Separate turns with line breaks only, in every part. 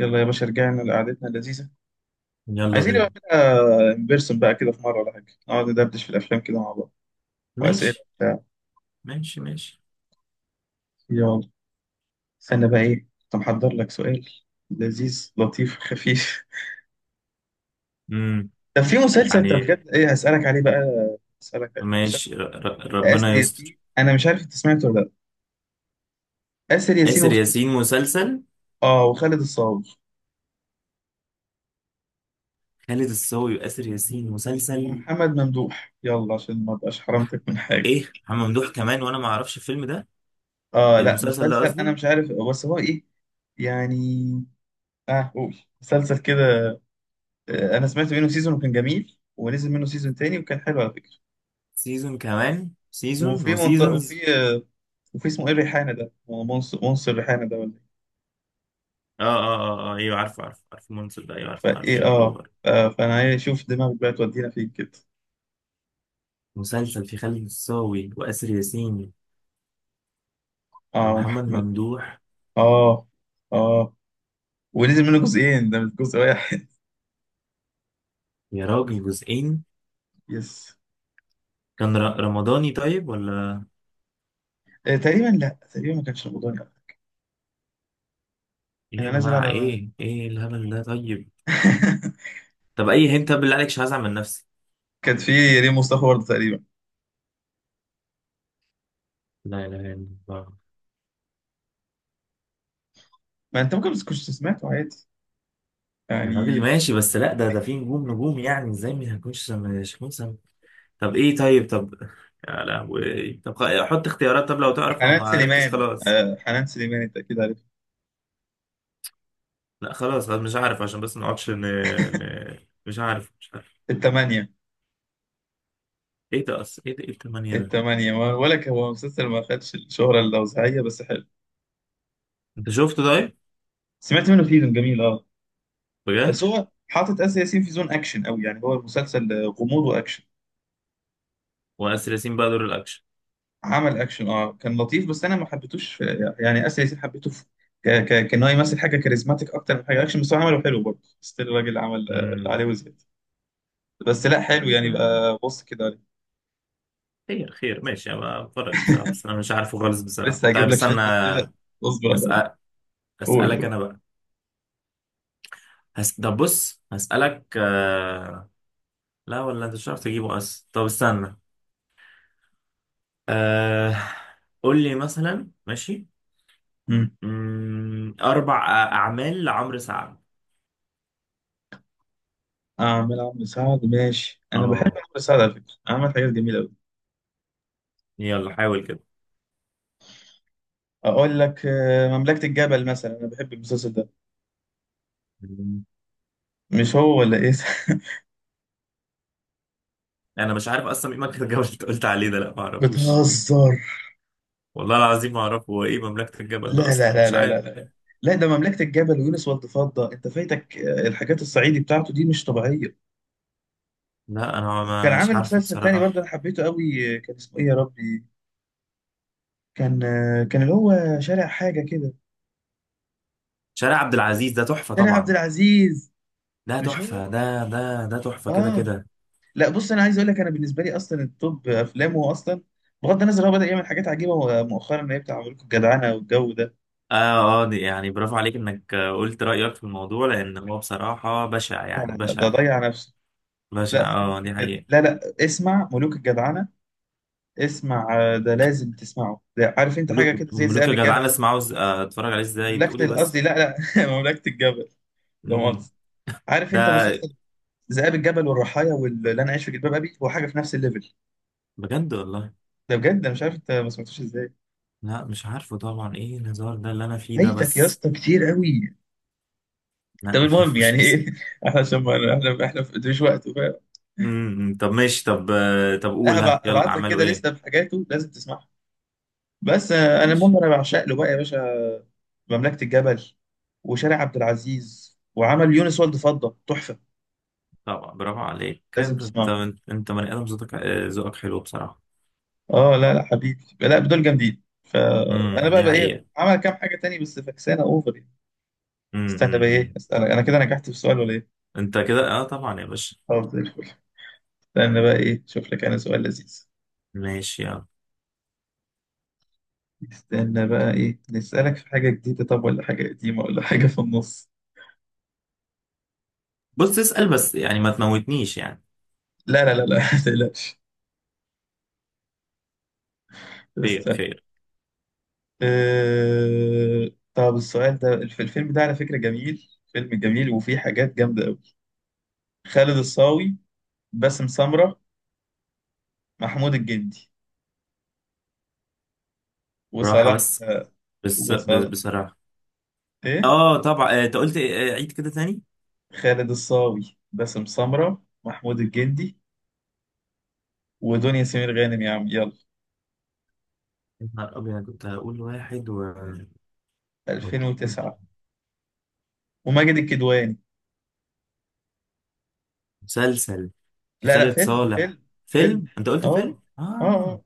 يلا يا باشا، رجعنا لقعدتنا اللذيذة.
يلا
عايزين نبقى
بينا.
نعملها ان بيرسون بقى كده في مرة ولا حاجة، نقعد ندردش في الأفلام كده مع بعض وأسئلة
ماشي
وبتاع.
ماشي. ماشي.
يلا. استنى بقى إيه، كنت محضر لك سؤال لذيذ لطيف خفيف.
امم
طب في مسلسل، طب
يعني.
بجد إيه هسألك عليه بقى، هسألك عليه مسلسل.
ماشي،
آسر
ربنا يستر.
ياسين، أنا مش عارف أنت سمعته ولا. لأ، آسر ياسين
آسر
وخالد.
ياسين مسلسل؟
آه وخالد الصاوي
خالد الصاوي وآسر ياسين مسلسل.
ومحمد ممدوح، يلا عشان ما أبقاش حرمتك من حاجة.
ايه محمد ممدوح كمان وانا ما اعرفش الفيلم ده،
آه لا،
المسلسل ده
مسلسل، أنا
قصدي.
مش عارف بس هو إيه يعني. آه، قول مسلسل كده. انا سمعت منه سيزون وكان جميل، ونزل منه سيزون تاني وكان حلو على فكره.
سيزون كمان سيزون،
وفي
هو
منطقه،
سيزونز.
وفي وفي اسمه ايه الريحانه ده، هو منصر منصر الريحانه ده ولا
اه اه اه اه ايوه عارف عارف عارف المسلسل ده، ايوه عارف
ايه،
عارف
فايه
شكله.
فانا عايز اشوف دماغك بقى تودينا فين كده.
مسلسل في خالد الصاوي وآسر ياسين
اه،
ومحمد
محمد.
ممدوح.
اه، اه. ونزل منه جزئين، ده مش جزء واحد.
يا راجل جزئين!
يس.
كان رمضاني طيب ولا؟
تقريبا، لا تقريبا ما كانش رمضاني.
ايه يا
كان نازل
جماعة،
على
ايه ايه الهبل ده؟ طيب طب اي هنت بالله عليك، مش هزعل من نفسي.
كان في ريم مصطفى برضه تقريبا.
لا لا لا. الله.
ما انت ممكن، بس كنت سمعته عادي
يا راجل
يعني.
ماشي، بس لا، ده ده في نجوم نجوم، يعني ازاي ما هكونش مش هكون سم...؟ طب ايه، طيب طب، يا لهوي. طب حط اختيارات، طب لو تعرف، لو
وحنان
ما عرفتش
سليمان
خلاص.
آه، حنان سليمان انت اكيد عارف.
لا خلاص خلاص مش عارف، عشان بس ما نقعدش ن... مش عارف مش عارف.
الثمانية.
ايه ده اصلا، ايه ده، ايه التمانية ده؟
التمانية، ما ولا هو مسلسل ما خدش الشهرة اللوزعية بس حلو.
انت شفته طيب؟
سمعت منه سيزون جميل، اه.
بجد؟
بس هو حاطط آسر ياسين في زون أكشن أوي، يعني هو المسلسل غموض وأكشن.
واسر ياسين بقى دور الاكشن؟
عمل أكشن، اه، كان لطيف. بس أنا ما حبيتوش يعني آسر ياسين حبيته في كان هو يمثل حاجة كاريزماتيك أكتر من حاجة أكشن، بس هو عمله حلو برضه. ستيل الراجل عمل اللي عليه
امم
وزيادة. بس لا حلو
طيب.
يعني بقى، بص كده عليه.
خير خير ماشي، أنا بتفرج بصراحة بس أنا مش عارفه خالص بصراحة.
لسه هجيب
طيب
لك شوية
استنى.
أسئلة، اصبر عليا.
هسأل،
قول،
أسألك
قول.
أنا بقى. طب بص هسألك، لا ولا أنت مش عارف تجيبه أصلا. طب استنى. آه... قول لي مثلا ماشي.
مم.
أربع أعمال لعمرو سعد.
أعمل عمرو سعد، ماشي. أنا بحب
أه.
عمرو سعد على فكرة، عمل حاجات جميلة أوي.
يلا حاول كده.
اقول لك مملكة الجبل مثلا، انا بحب المسلسل ده.
مم.
مش هو ولا ايه.
أنا مش عارف أصلا إيه مملكة الجبل اللي أنت قلت عليه ده، لا ما أعرفوش.
بتهزر.
والله العظيم ما أعرفه هو إيه مملكة الجبل ده
لا لا
أصلا،
لا
مش
لا
عارف.
لا لا. لا، ده مملكة الجبل ويونس والد فضة، انت فايتك الحاجات الصعيدي بتاعته دي مش طبيعية.
لا
كان
أنا مش
عامل
عارفه
مسلسل تاني برضه،
بصراحة.
انا حبيته قوي، كان اسمه ايه يا ربي. كان اللي هو شارع حاجة كده.
شارع عبد العزيز ده تحفة
شارع عبد
طبعا.
العزيز،
ده
مش هو.
تحفة، ده ده ده تحفة كده
اه.
كده.
لا بص، انا عايز اقول لك انا بالنسبة لي اصلا التوب افلامه اصلا، بغض النظر. هو بدأ يعمل حاجات عجيبة مؤخرا، اللي هي بتاع ملوك الجدعنة والجو ده.
اه اه، يعني برافو عليك انك قلت رأيك في الموضوع، لان هو بصراحة بشع
لا لا
يعني
لا، ده
بشع.
ضيع نفسه.
بشع،
لا سيبك
اه،
من
دي
كده،
حقيقة.
لا لا، اسمع ملوك الجدعنة. اسمع، ده لازم تسمعه ده. عارف انت حاجة
ملوك
كده زي
ملوك يا
ذئاب
جدعان،
الجبل.
اسمع، عاوز اتفرج عليه ازاي؟ بتقول
مملكة
ايه
قصدي،
بس؟
لا لا، مملكة الجبل. ده
مم.
مؤاخذة. عارف
ده
انت مسلسل ذئاب الجبل، والرحايا، واللي انا عايش في جلباب ابي. هو حاجة في نفس الليفل
بجد والله؟
ده، بجد. انا مش عارف انت ما سمعتوش ازاي.
لا مش عارفه طبعا، ايه الهزار ده اللي انا فيه ده
فايتك يا
بس.
اسطى كتير قوي.
لا،
طب المهم
معرفوش
يعني
بس.
ايه احنا عشان ما احنا في مش وقت، فاهم.
طب ماشي، طب طب قول ها، يلا
ابعت لك
اعملوا
كده
ايه.
لسته بحاجاته لازم تسمعها. بس انا المهم
ماشي.
انا بعشق له بقى يا باشا. مملكة الجبل، وشارع عبد العزيز، وعمل يونس والد فضة تحفة.
طبعا برافو عليك
لازم
كده انت.
تسمعه.
انت بني ادم ذوقك، ذوقك حلو بصراحه.
اه لا لا حبيبي، لا، دول جامدين. فانا بقى
دي
بقى ايه،
حقيقه.
عمل كام حاجة تاني، بس فكسانة اوفر يعني.
امم امم
استنى بقى ايه،
امم.
استنى، انا كده نجحت في سؤال ولا ايه.
انت كده اه طبعا يا باشا.
طب زي الفل. استنى بقى ايه، شوف لك انا سؤال لذيذ.
ماشي. يلا
استنى بقى ايه، نسألك في حاجة جديدة، طب، ولا حاجة قديمة، ولا حاجة في النص.
بص اسال بس، يعني ما تموتنيش يعني.
لا لا لا لا، ما تقلقش.
خير
استنى.
خير.
طب السؤال ده، الفيلم ده على فكرة جميل، فيلم جميل وفيه حاجات جامدة أوي. خالد الصاوي، باسم سمرة، محمود الجندي،
براحه
وصلاح
بس،
وصلاح
بصراحه
إيه.
اه طبعا. انت قلت عيد كده تاني.
خالد الصاوي، باسم سمرة، محمود الجندي، ودنيا سمير غانم، يا عم يلا.
يا نهار ابيض، كنت هقول واحد و...
2009، وماجد الكدواني.
مسلسل؟ في
لا لا،
خالد
فيلم
صالح؟
فيلم فيلم.
فيلم، انت قلت فيلم،
اه، اه،
اه
آه.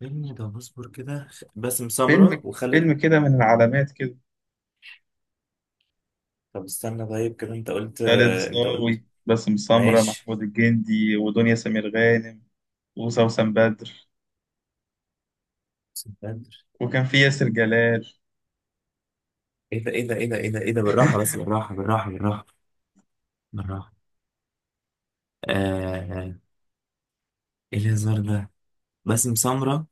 فيلم. ده بصبر كده. باسم سمرة
فيلم، فيلم
وخالد.
كده من العلامات كده.
طب استنى، طيب كده انت قلت،
خالد
انت قلت.
الصاوي، باسم سمرة،
ماشي.
محمود الجندي، ودنيا سمير غانم، وسوسن بدر،
سنتر.
وكان في ياسر جلال.
ايه ده ايه ده ايه ده ايه ده ايه ده، بالراحة بس بالراحة بالراحة بالراحة بالراحة. آه. ايه الهزار ده؟ باسم سمرة،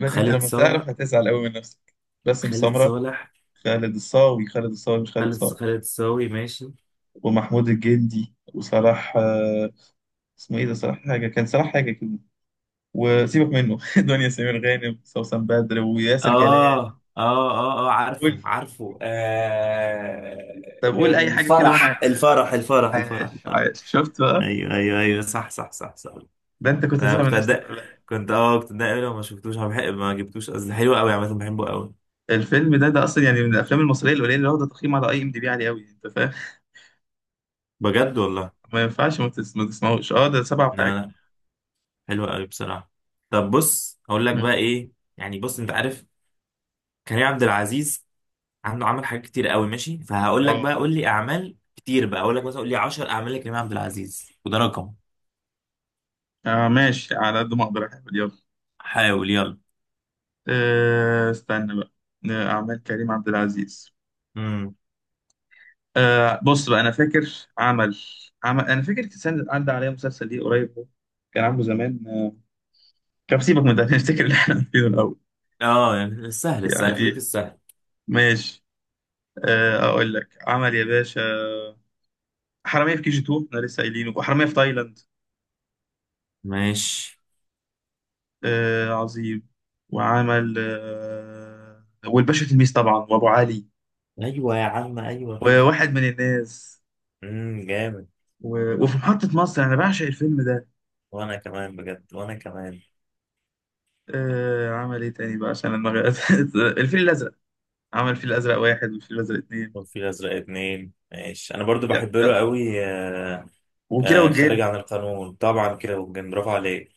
بس انت
خالد
لما
صالح،
تعرف هتزعل قوي من نفسك. باسم
خالد
سمرة،
صالح،
خالد الصاوي. خالد الصاوي مش خالد
خالد،
صاوي.
خالد صاوي. ماشي.
ومحمود الجندي، وصلاح اسمه ايه ده، صلاح حاجة، كان صلاح حاجة كده. وسيبك منه دنيا سمير غانم، سوسن بدر، وياسر
اه
جلال.
اه اه اه
قول.
عارفه عارفه آه.
طب قول اي حاجة كده
الفرح
وانا
الفرح الفرح الفرح
عايش،
الفرح!
عايش، شفت بقى.
ايوه ايوه ايوه صح صح صح صح.
ده انت كنت
انا
زعل من
كنت
نفسك
أدق-
ولا لا.
كنت اه كنت اتضايق أوي لو ما شفتوش، ما جبتوش قصدي، حلو قوي عامة بحبه قوي.
الفيلم ده اصلا يعني من الافلام المصريه القليله اللي واخده تقييم على اي ام دي بي عالي قوي، انت فاهم.
بجد والله؟
ما ينفعش، ما تسمعوش. اه، ده سبعة
لا
وحاجه.
لا، حلوة قوي بصراحة. طب بص اقول لك بقى
مم.
ايه. يعني بص انت عارف كريم عبد العزيز عنده عمل حاجات كتير قوي، ماشي؟ فهقول لك
اه.
بقى قول لي اعمال كتير بقى، اقول لك مثلا قول لي 10 اعمال لكريم عبد العزيز، وده رقم.
ماشي، على قد ما اقدر يا حبيبي، يلا.
حاول يلا.
استنى بقى، اعمال كريم عبد العزيز.
امم
بص بقى، انا فاكر. عمل عمل انا فاكر كان عدى عليا مسلسل ليه قريب، هو كان عامله زمان، كان سيبك من ده، نفتكر اللي احنا فيه الاول
اه. يعني السهل السهل خليك
يعني.
السهل.
ماشي. اقول لك عمل يا باشا. حرامية في كي جي 2، احنا لسه قايلينه، وحرامية في تايلاند.
ماشي.
آه عظيم. وعمل والباشا تلميذ طبعا، وابو علي،
ايوه يا عم ايوه كده.
وواحد من الناس.
جامد.
وفي محطة مصر، انا بعشق الفيلم ده.
وانا كمان بجد وانا كمان.
عمل ايه تاني بقى عشان دماغي، الفيل الازرق. عمل الفيل الازرق واحد، والفيل الازرق اتنين.
وفي الازرق اتنين ماشي، انا برضو
يا-
بحب
يا-
له قوي.
وكيرة
آه خارج
والجن.
عن القانون طبعا كده، وجن، برافو عليك.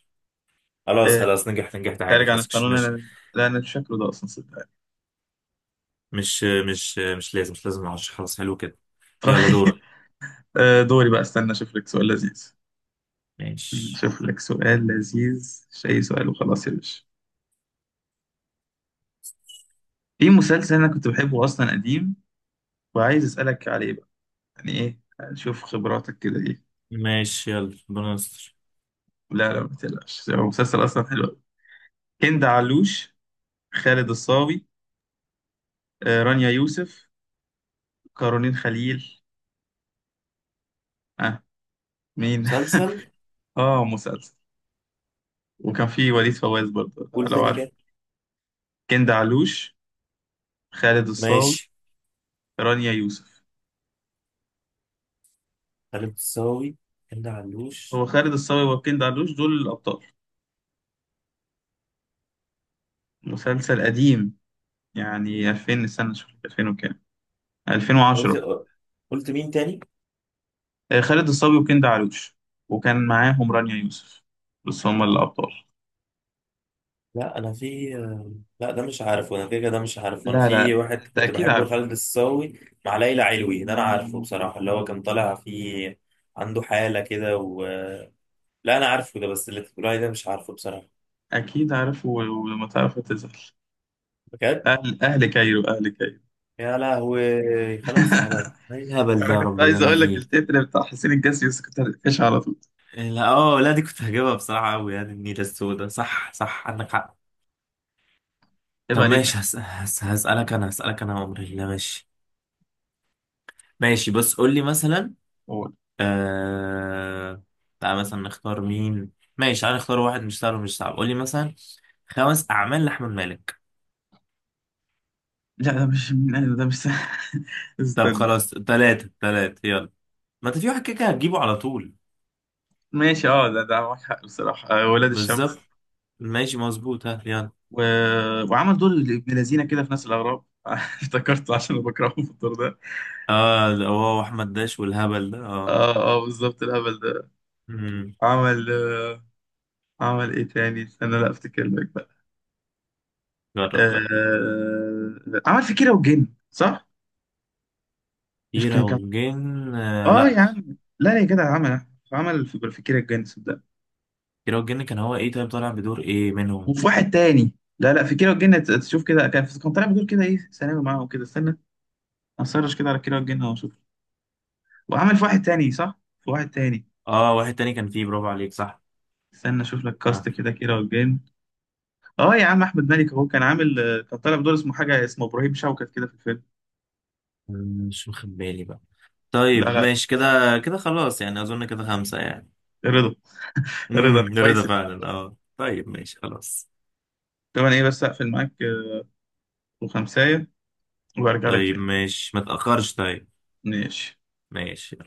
خلاص
آه،
خلاص نجحت نجحت عادي
خارج عن
خلاص،
القانون انا. لا، انا مش فاكره ده اصلا صدقني.
مش مش لازم، مش لازم العشرة، خلاص حلو كده. يلا
طيب.
دورك.
آه دوري بقى، استنى اشوف لك سؤال لذيذ.
ماشي.
شوف لك سؤال لذيذ، مش اي سؤال وخلاص يا باشا. في مسلسل انا كنت بحبه اصلا قديم، وعايز اسالك عليه بقى. يعني ايه، نشوف خبراتك كده ايه.
ماشي يلا، ربنا يستر.
لا لا، ما تقلقش، هو مسلسل اصلا حلو قوي. هند علوش، خالد الصاوي، رانيا يوسف، كارولين خليل. اه. مين.
مسلسل.
اه مسلسل. وكان في وليد فواز برضه،
قول
لو
تاني
عارف.
كده.
هند علوش، خالد الصاوي،
ماشي.
رانيا يوسف.
خالد الصاوي، هند علوش.
هو خالد الصاوي وهند علوش دول الابطال. مسلسل قديم، يعني 2000 سنة، شوف 2000 وكام،
قلت،
2010.
قلت مين تاني؟
خالد الصاوي وكند علوش، وكان معاهم رانيا يوسف، بس هم الأبطال.
لا انا في... لا ده مش عارف، وانا كده كده ده مش عارف. وانا
لا
في
لا،
واحد
أنت
كنت
أكيد
بحبه،
عارف.
خالد الصاوي مع ليلى علوي، ده انا عارفه بصراحة اللي هو كان طالع فيه، عنده حالة كده و... لا انا عارفه ده، بس اللي انت بتقول عليه ده مش عارفه بصراحه.
أكيد عارف، ولما تعرف هتزعل.
بجد؟
أهل كايرو، أهل كايرو.
يا لهوي، خلاص، هبل، ايه الهبل ده
أنا
يا
كنت
رب اللي
عايز
انا
أقول لك
فيه.
التتر بتاع حسين الجسمي، بس كنت هتقفش على طول.
إيه، لا اه لا، دي كنت هجيبها بصراحه قوي يعني، النيله السوداء. صح صح عندك حق.
عيب
طب
عليك أنا.
ماشي، هسالك انا، هسالك انا عمري الله، ماشي. ماشي بس قول لي مثلا.
أقول.
آه... تعال مثلا نختار مين. ماشي تعال نختار واحد مش سهل ومش صعب، قول لي مثلا خمس اعمال لاحمد مالك.
لا ده مش من أهل، ده مش
طب
استنى.
خلاص ثلاثه ثلاثه يلا، ما انت في واحد كده كده هتجيبه على طول.
ماشي، ده معاك حق بصراحة، ولاد
بالظبط.
الشمس.
ماشي مظبوط، ها يلا.
و... وعمل دور ابن لذينه كده في ناس الأغراب، افتكرته عشان أنا بكرهه في الدور ده.
اه ده هو احمد داش والهبل ده اه.
اه اه، بالظبط الهبل ده.
مم.
عمل عمل ايه تاني، استنى، لا افتكر لك بقى.
جرب جرب.
عمل في كيرة والجن، صح. مش كان
كيرة
كان
والجن؟ آه
اه
لا.
يا عم. لا لا يا جدع، عمل في كيرة والجن، صدق.
كيرة والجن كان هو ايه؟ طيب طالع بدور ايه منهم؟
وفي واحد تاني. لا لا، في كيرة والجن، تشوف كده، كان طالع بدور كده ايه ثانوي معاهم كده. استنى، هسرش كده على كيرة والجن واشوف. وعمل في واحد تاني صح، في واحد تاني.
اه واحد تاني كان فيه، برافو عليك، صح.
استنى اشوف لك
آه.
كاست كده كيرة والجن. اه يا عم، احمد مالك اهو، كان عامل كان طالع بدور اسمه حاجه، اسمه ابراهيم شوكت كده في الفيلم.
مش واخد بالي بقى.
لا
طيب
لا.
ماشي كده، كده خلاص يعني اظن كده خمسة يعني.
رضا. رضا كويس
رضا
اللي
فعلا
جبته.
اه، طيب ماشي خلاص.
طب انا ايه، بس اقفل معاك وخمسايه، وارجع لك
طيب
تاني.
ماشي ما تأخرش. طيب
ماشي.
ماشي.